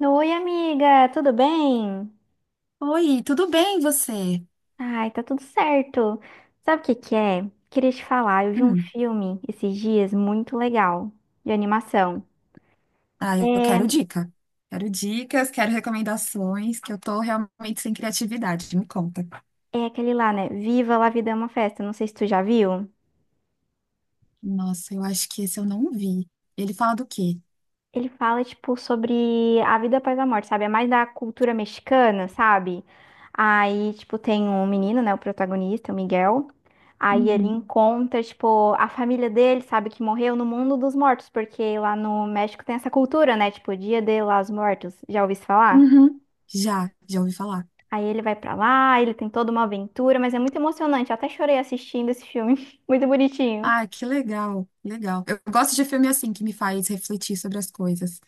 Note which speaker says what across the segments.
Speaker 1: Oi, amiga, tudo bem?
Speaker 2: Oi, tudo bem você?
Speaker 1: Ai, tá tudo certo. Sabe o que que é? Queria te falar, eu vi um
Speaker 2: Hum,
Speaker 1: filme esses dias muito legal, de animação.
Speaker 2: ah, eu
Speaker 1: É,
Speaker 2: quero dica. Quero dicas, quero recomendações, que eu tô realmente sem criatividade, me conta.
Speaker 1: é aquele lá, né? Viva La Vida é uma Festa, não sei se tu já viu.
Speaker 2: Nossa, eu acho que esse eu não vi. Ele fala do quê?
Speaker 1: Ele fala, tipo, sobre a vida após a morte, sabe? É mais da cultura mexicana, sabe? Aí, tipo, tem um menino, né? O protagonista, o Miguel. Aí ele
Speaker 2: Uhum.
Speaker 1: encontra, tipo, a família dele, sabe? Que morreu no mundo dos mortos, porque lá no México tem essa cultura, né? Tipo, Dia de los Muertos. Já ouvi isso falar?
Speaker 2: Uhum. Já ouvi falar.
Speaker 1: Aí ele vai pra lá, ele tem toda uma aventura, mas é muito emocionante. Eu até chorei assistindo esse filme. Muito bonitinho.
Speaker 2: Ah, que legal, legal. Eu gosto de filme assim, que me faz refletir sobre as coisas.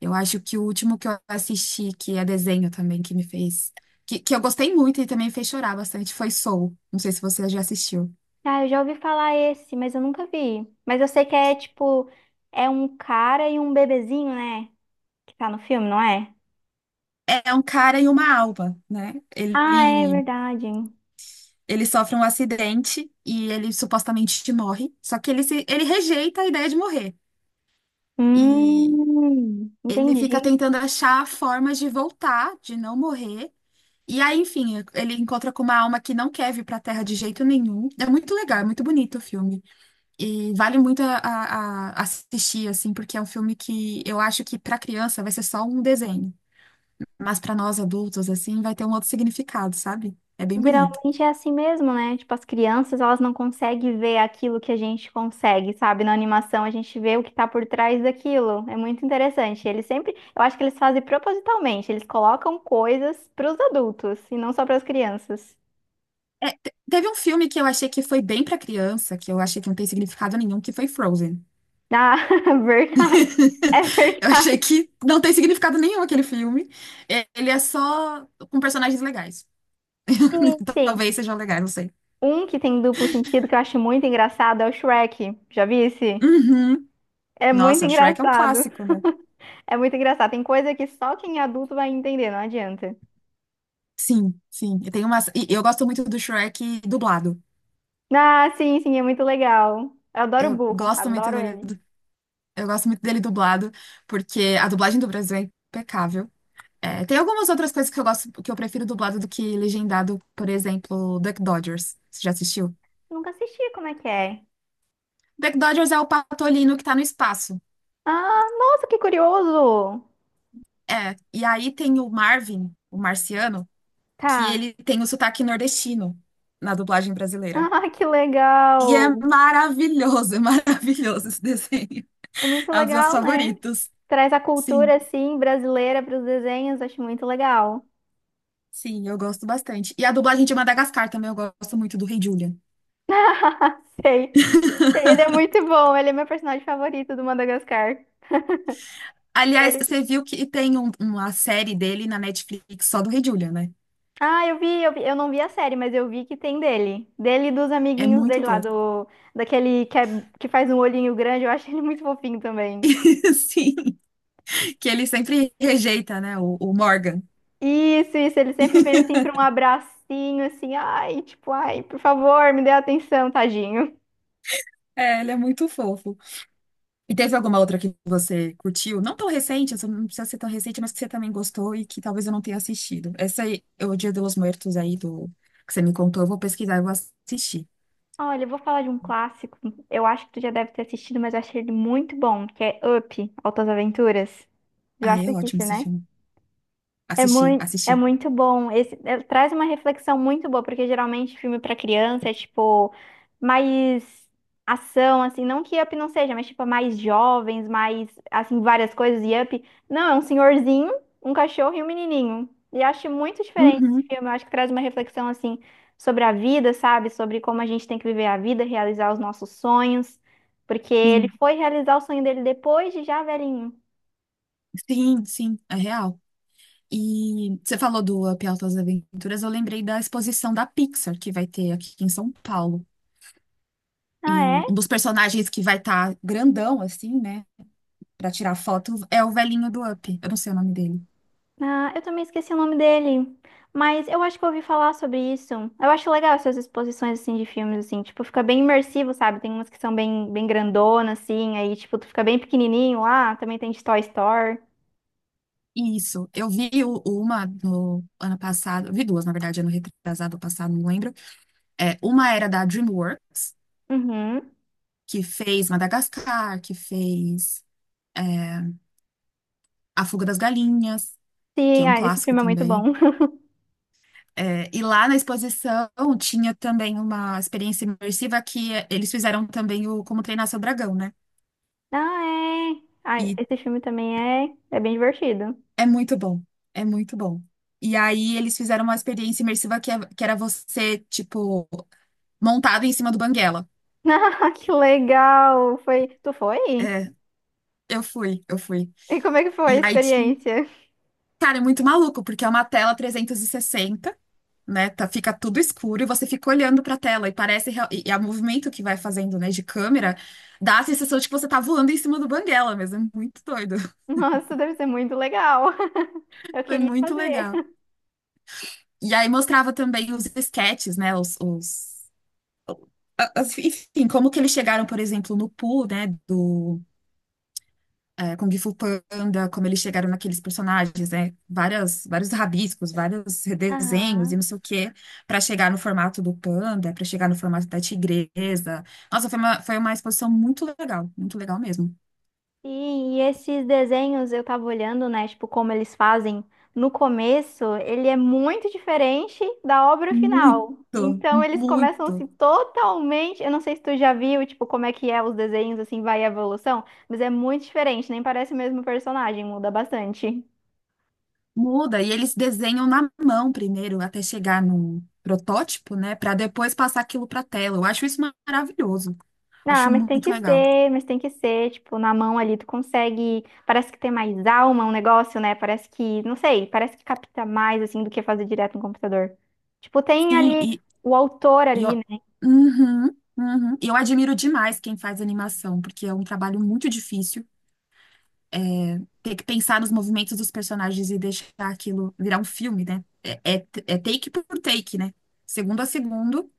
Speaker 2: Eu acho que o último que eu assisti, que é desenho também, que me fez. Que eu gostei muito e também fez chorar bastante, foi Soul. Não sei se você já assistiu.
Speaker 1: Ah, eu já ouvi falar esse, mas eu nunca vi. Mas eu sei que é tipo, é um cara e um bebezinho, né? Que tá no filme, não é?
Speaker 2: É um cara e uma alma, né?
Speaker 1: Ah, é
Speaker 2: Ele,
Speaker 1: verdade.
Speaker 2: ele sofre um acidente e ele supostamente morre, só que ele, se, ele rejeita a ideia de morrer. E ele fica
Speaker 1: Entendi.
Speaker 2: tentando achar formas de voltar, de não morrer. E aí, enfim, ele encontra com uma alma que não quer vir pra Terra de jeito nenhum. É muito legal, é muito bonito o filme. E vale muito a assistir, assim, porque é um filme que eu acho que pra criança vai ser só um desenho. Mas pra nós adultos, assim, vai ter um outro significado, sabe? É bem bonito.
Speaker 1: Geralmente é assim mesmo, né? Tipo, as crianças, elas não conseguem ver aquilo que a gente consegue, sabe? Na animação, a gente vê o que tá por trás daquilo. É muito interessante. Eles sempre, eu acho que eles fazem propositalmente, eles colocam coisas pros adultos e não só pras crianças.
Speaker 2: É, teve um filme que eu achei que foi bem pra criança, que eu achei que não tem significado nenhum, que foi Frozen.
Speaker 1: Ah, verdade. É
Speaker 2: Eu achei
Speaker 1: verdade.
Speaker 2: que não tem significado nenhum aquele filme. É, ele é só com personagens legais.
Speaker 1: Sim, sim.
Speaker 2: Talvez sejam legais, não sei.
Speaker 1: Um que tem duplo sentido que eu acho muito engraçado é o Shrek. Já vi esse.
Speaker 2: Uhum.
Speaker 1: É muito
Speaker 2: Nossa, Shrek é um
Speaker 1: engraçado.
Speaker 2: clássico, né?
Speaker 1: É muito engraçado. Tem coisa que só quem é adulto vai entender, não adianta.
Speaker 2: Sim, sim. E tem umas, e eu gosto muito do Shrek dublado.
Speaker 1: Ah, sim, sim, é muito legal. Eu adoro o
Speaker 2: Eu
Speaker 1: burro,
Speaker 2: gosto muito
Speaker 1: adoro
Speaker 2: dele,
Speaker 1: ele.
Speaker 2: eu gosto muito dele dublado, porque a dublagem do Brasil é impecável. É, tem algumas outras coisas que eu gosto, que eu prefiro dublado do que legendado, por exemplo, Duck Dodgers. Você já assistiu?
Speaker 1: Nunca assisti, como é que é?
Speaker 2: Duck Dodgers é o patolino que tá no espaço.
Speaker 1: Ah, nossa, que curioso!
Speaker 2: É, e aí tem o Marvin, o marciano, que
Speaker 1: Tá.
Speaker 2: ele tem o sotaque nordestino na dublagem brasileira.
Speaker 1: Ah, que
Speaker 2: E é
Speaker 1: legal!
Speaker 2: maravilhoso, é maravilhoso esse desenho.
Speaker 1: É muito
Speaker 2: É um dos meus
Speaker 1: legal, né?
Speaker 2: favoritos.
Speaker 1: Traz a
Speaker 2: Sim,
Speaker 1: cultura, assim, brasileira para os desenhos, acho muito legal.
Speaker 2: sim, eu gosto bastante. E a dublagem de Madagascar também, eu gosto muito do Rei Julian.
Speaker 1: Sei. Ele é muito bom, ele é meu personagem favorito do Madagascar.
Speaker 2: Aliás,
Speaker 1: Ele-
Speaker 2: você viu que tem uma série dele na Netflix só do Rei Julian, né?
Speaker 1: Ah, eu vi, eu não vi a série, mas eu vi que tem dele. Dele e dos
Speaker 2: É
Speaker 1: amiguinhos
Speaker 2: muito
Speaker 1: dele lá,
Speaker 2: bom.
Speaker 1: do, daquele que, que faz um olhinho grande, eu acho ele muito fofinho também.
Speaker 2: Sim. Que ele sempre rejeita, né? O Morgan.
Speaker 1: Isso, ele sempre vem assim pra um abracinho, assim, ai, tipo, ai, por favor, me dê atenção, tadinho.
Speaker 2: É, ele é muito fofo. E teve alguma outra que você curtiu? Não tão recente, essa não precisa ser tão recente, mas que você também gostou e que talvez eu não tenha assistido. Essa aí, o Dia dos Mortos aí do que você me contou, eu vou pesquisar e vou assistir.
Speaker 1: Olha, eu vou falar de um clássico, eu acho que tu já deve ter assistido, mas eu achei ele muito bom, que é Up, Altas Aventuras. Já
Speaker 2: Ah, é ótimo
Speaker 1: assististe,
Speaker 2: esse
Speaker 1: né?
Speaker 2: filme. Assisti,
Speaker 1: É
Speaker 2: assisti.
Speaker 1: muito bom. Esse, é, traz uma reflexão muito boa, porque geralmente filme para criança é tipo mais ação, assim, não que Up não seja, mas tipo é mais jovens, mais assim várias coisas e Up, não, é um senhorzinho, um cachorro e um menininho. E acho muito diferente esse
Speaker 2: Uhum.
Speaker 1: filme. Eu acho que traz uma reflexão assim sobre a vida, sabe? Sobre como a gente tem que viver a vida, realizar os nossos sonhos, porque ele
Speaker 2: Sim,
Speaker 1: foi realizar o sonho dele depois de já velhinho.
Speaker 2: sim, sim, é real. E você falou do Up Altas Aventuras, eu lembrei da exposição da Pixar que vai ter aqui em São Paulo. E
Speaker 1: Ah,
Speaker 2: um
Speaker 1: é?
Speaker 2: dos personagens que vai estar grandão, assim, né? Pra tirar foto é o velhinho do Up. Eu não sei o nome dele.
Speaker 1: Ah, eu também esqueci o nome dele. Mas eu acho que eu ouvi falar sobre isso. Eu acho legal essas exposições, assim, de filmes, assim. Tipo, fica bem imersivo, sabe? Tem umas que são bem, bem grandonas, assim. Aí, tipo, tu fica bem pequenininho lá. Também tem de Toy Story.
Speaker 2: Isso. Eu vi uma no ano passado. Eu vi duas, na verdade, ano retrasado ou passado, não lembro. É, uma era da DreamWorks,
Speaker 1: Uhum.
Speaker 2: que fez Madagascar, que fez A Fuga das Galinhas, que
Speaker 1: Sim,
Speaker 2: é um
Speaker 1: ah, esse
Speaker 2: clássico
Speaker 1: filme é muito
Speaker 2: também.
Speaker 1: bom.
Speaker 2: É, e lá na exposição tinha também uma experiência imersiva que eles fizeram também o Como Treinar Seu Dragão, né?
Speaker 1: Ah, é. Ai,
Speaker 2: E
Speaker 1: esse filme também é, é bem divertido.
Speaker 2: É muito bom, é muito bom. E aí eles fizeram uma experiência imersiva que era você, tipo, montado em cima do Banguela.
Speaker 1: Ah, que legal! Foi... Tu foi?
Speaker 2: É, eu fui, eu fui.
Speaker 1: E como é que foi
Speaker 2: E
Speaker 1: a
Speaker 2: aí tinha.
Speaker 1: experiência?
Speaker 2: Cara, é muito maluco, porque é uma tela 360, né? Tá, fica tudo escuro e você fica olhando pra tela e e é o movimento que vai fazendo, né, de câmera, dá a sensação de que você tá voando em cima do Banguela mesmo. É muito doido.
Speaker 1: Nossa, deve ser muito legal. Eu
Speaker 2: Foi
Speaker 1: queria
Speaker 2: muito
Speaker 1: fazer.
Speaker 2: legal. E aí mostrava também os esquetes, né? Enfim, como que eles chegaram, por exemplo, no Pooh, né, do Kung Fu Panda, como eles chegaram naqueles personagens, né, vários rabiscos, vários redesenhos e
Speaker 1: Aham.
Speaker 2: não sei o quê, para chegar no formato do panda, para chegar no formato da tigresa. Nossa, foi uma exposição muito legal mesmo.
Speaker 1: Sim, e esses desenhos eu tava olhando, né, tipo, como eles fazem no começo, ele é muito diferente da obra final.
Speaker 2: Muito,
Speaker 1: Então eles começam
Speaker 2: muito.
Speaker 1: assim totalmente, eu não sei se tu já viu, tipo, como é que é os desenhos assim, vai a evolução, mas é muito diferente, nem parece o mesmo personagem, muda bastante.
Speaker 2: Muda, e eles desenham na mão primeiro, até chegar no protótipo, né, para depois passar aquilo para tela. Eu acho isso maravilhoso, acho
Speaker 1: Não,
Speaker 2: muito legal.
Speaker 1: mas tem que ser, tipo, na mão ali tu consegue, parece que tem mais alma um negócio, né? Parece que, não sei, parece que capta mais assim do que fazer direto no computador. Tipo, tem
Speaker 2: Sim,
Speaker 1: ali
Speaker 2: e,
Speaker 1: o autor
Speaker 2: E eu,
Speaker 1: ali.
Speaker 2: uhum, uhum. E eu admiro demais quem faz animação, porque é um trabalho muito difícil. Ter que pensar nos movimentos dos personagens e deixar aquilo virar um filme, né? É take por take, né? Segundo a segundo,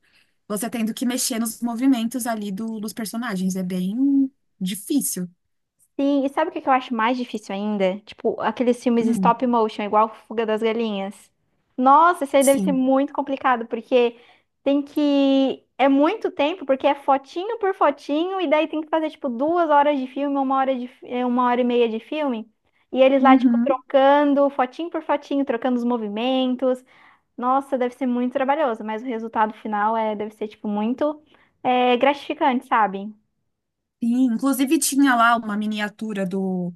Speaker 2: você tendo que mexer nos movimentos ali dos personagens. É bem difícil.
Speaker 1: Sim, e sabe o que que eu acho mais difícil ainda? Tipo, aqueles filmes
Speaker 2: Hum,
Speaker 1: stop motion, igual Fuga das Galinhas. Nossa, isso aí deve ser
Speaker 2: sim.
Speaker 1: muito complicado, porque tem que. É muito tempo, porque é fotinho por fotinho, e daí tem que fazer, tipo, duas horas de filme, uma hora de uma hora e meia de filme. E eles lá, tipo,
Speaker 2: Uhum.
Speaker 1: trocando fotinho por fotinho, trocando os movimentos. Nossa, deve ser muito trabalhoso, mas o resultado final é... deve ser, tipo, muito gratificante, sabe?
Speaker 2: Sim. Inclusive, tinha lá uma miniatura do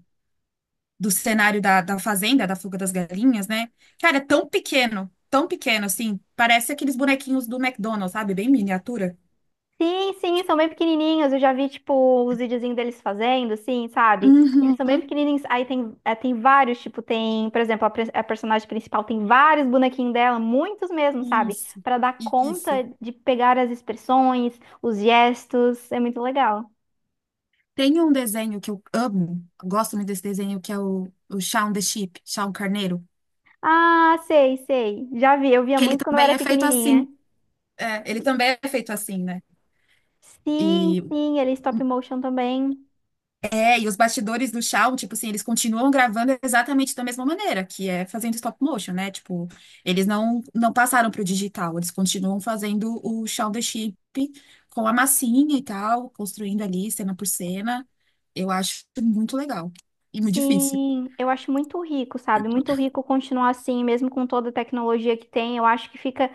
Speaker 2: do cenário da fazenda, da fuga das galinhas, né? Cara, é tão pequeno, assim. Parece aqueles bonequinhos do McDonald's, sabe? Bem miniatura.
Speaker 1: Sim, sim, são bem pequenininhos. Eu já vi, tipo, os videozinhos deles fazendo, assim, sabe? Eles são bem
Speaker 2: Uhum,
Speaker 1: pequenininhos. Aí tem, é, tem vários, tipo, tem, por exemplo, a personagem principal tem vários bonequinhos dela, muitos mesmo, sabe?
Speaker 2: isso,
Speaker 1: Pra dar conta
Speaker 2: isso.
Speaker 1: de pegar as expressões, os gestos. É muito legal.
Speaker 2: Tem um desenho que eu amo, gosto muito desse desenho, que é o Shaun the Sheep, Shaun Carneiro,
Speaker 1: Ah, sei, sei. Já vi, eu via
Speaker 2: que ele
Speaker 1: muito quando eu
Speaker 2: também
Speaker 1: era
Speaker 2: é feito
Speaker 1: pequenininha.
Speaker 2: assim. É, ele também é feito assim, né?
Speaker 1: Sim,
Speaker 2: E
Speaker 1: sim, ele é stop motion também.
Speaker 2: e os bastidores do Shaw, tipo assim, eles continuam gravando exatamente da mesma maneira, que é fazendo stop motion, né? Tipo, eles não passaram pro digital, eles continuam fazendo o Shaun the Sheep com a massinha e tal, construindo ali cena por cena. Eu acho muito legal e muito difícil.
Speaker 1: Sim, eu acho muito rico, sabe? Muito rico continuar assim, mesmo com toda a tecnologia que tem. Eu acho que fica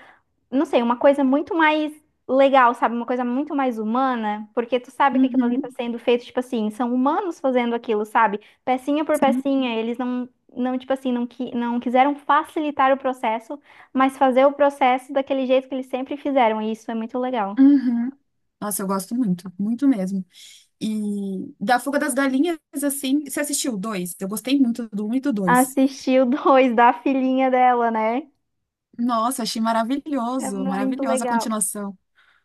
Speaker 1: não sei, uma coisa muito mais legal, sabe? Uma coisa muito mais humana, porque tu sabe que aquilo ali tá
Speaker 2: Uhum,
Speaker 1: sendo feito, tipo assim, são humanos fazendo aquilo, sabe? Pecinha por
Speaker 2: sim.
Speaker 1: pecinha, eles não, não tipo assim, não quiseram facilitar o processo, mas fazer o processo daquele jeito que eles sempre fizeram, e isso é muito legal.
Speaker 2: Uhum. Nossa, eu gosto muito, muito mesmo. E da Fuga das Galinhas, assim, você assistiu o dois? Eu gostei muito do um e do dois.
Speaker 1: Assistir o dois da filhinha dela, né?
Speaker 2: Nossa, achei
Speaker 1: É
Speaker 2: maravilhoso,
Speaker 1: muito
Speaker 2: maravilhosa a
Speaker 1: legal.
Speaker 2: continuação.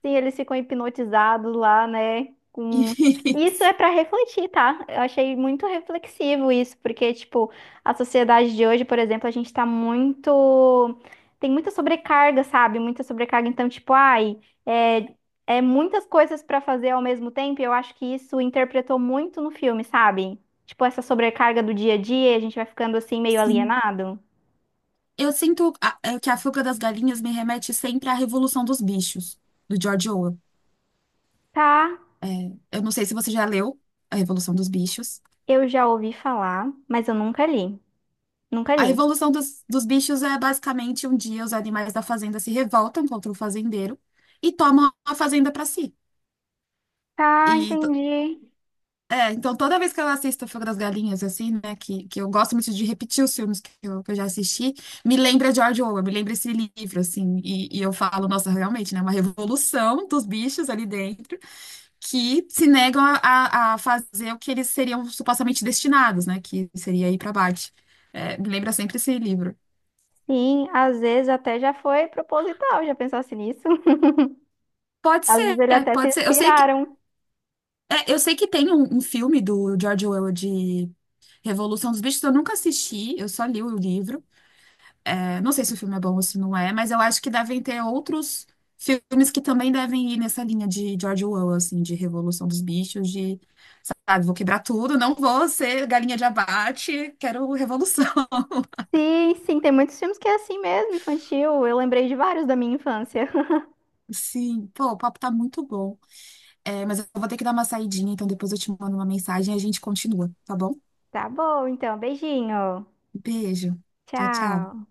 Speaker 1: Sim, eles ficam hipnotizados lá, né? Com... Isso é para refletir, tá? Eu achei muito reflexivo isso, porque, tipo, a sociedade de hoje, por exemplo, a gente tá muito. Tem muita sobrecarga, sabe? Muita sobrecarga. Então, tipo, ai, é, é muitas coisas para fazer ao mesmo tempo, e eu acho que isso interpretou muito no filme, sabe? Tipo, essa sobrecarga do dia a dia, e a gente vai ficando assim meio
Speaker 2: Sim.
Speaker 1: alienado.
Speaker 2: Eu sinto que a fuga das galinhas me remete sempre à Revolução dos Bichos, do George Orwell.
Speaker 1: Tá,
Speaker 2: Eu não sei se você já leu A Revolução dos Bichos.
Speaker 1: eu já ouvi falar, mas eu nunca li. Nunca
Speaker 2: A
Speaker 1: li.
Speaker 2: Revolução dos Bichos é basicamente um dia os animais da fazenda se revoltam contra o fazendeiro e tomam a fazenda para si.
Speaker 1: Tá,
Speaker 2: E
Speaker 1: entendi.
Speaker 2: Então toda vez que eu assisto Fogo das Galinhas, assim, né, que eu gosto muito de repetir os filmes que eu já assisti, me lembra George Orwell, me lembra esse livro, assim, e eu falo, nossa, realmente, né, uma revolução dos bichos ali dentro que se negam a fazer o que eles seriam supostamente destinados, né, que seria ir para Marte. É, me lembra sempre esse livro.
Speaker 1: Sim, às vezes até já foi proposital, já pensasse nisso.
Speaker 2: Pode
Speaker 1: Às vezes
Speaker 2: ser,
Speaker 1: eles até se
Speaker 2: pode ser. Eu sei que,
Speaker 1: inspiraram.
Speaker 2: é, eu sei que tem um filme do George Orwell de Revolução dos Bichos, eu nunca assisti, eu só li o livro. É, não sei se o filme é bom ou se não é, mas eu acho que devem ter outros filmes que também devem ir nessa linha de George Orwell, assim, de Revolução dos Bichos, de, sabe, vou quebrar tudo, não vou ser galinha de abate, quero revolução.
Speaker 1: Sim, sim, tem muitos filmes que é assim mesmo, infantil. Eu lembrei de vários da minha infância.
Speaker 2: Sim, pô, o papo tá muito bom. É, mas eu vou ter que dar uma saidinha, então depois eu te mando uma mensagem e a gente continua, tá bom?
Speaker 1: Tá bom, então, beijinho.
Speaker 2: Um beijo. Tchau, tchau.
Speaker 1: Tchau.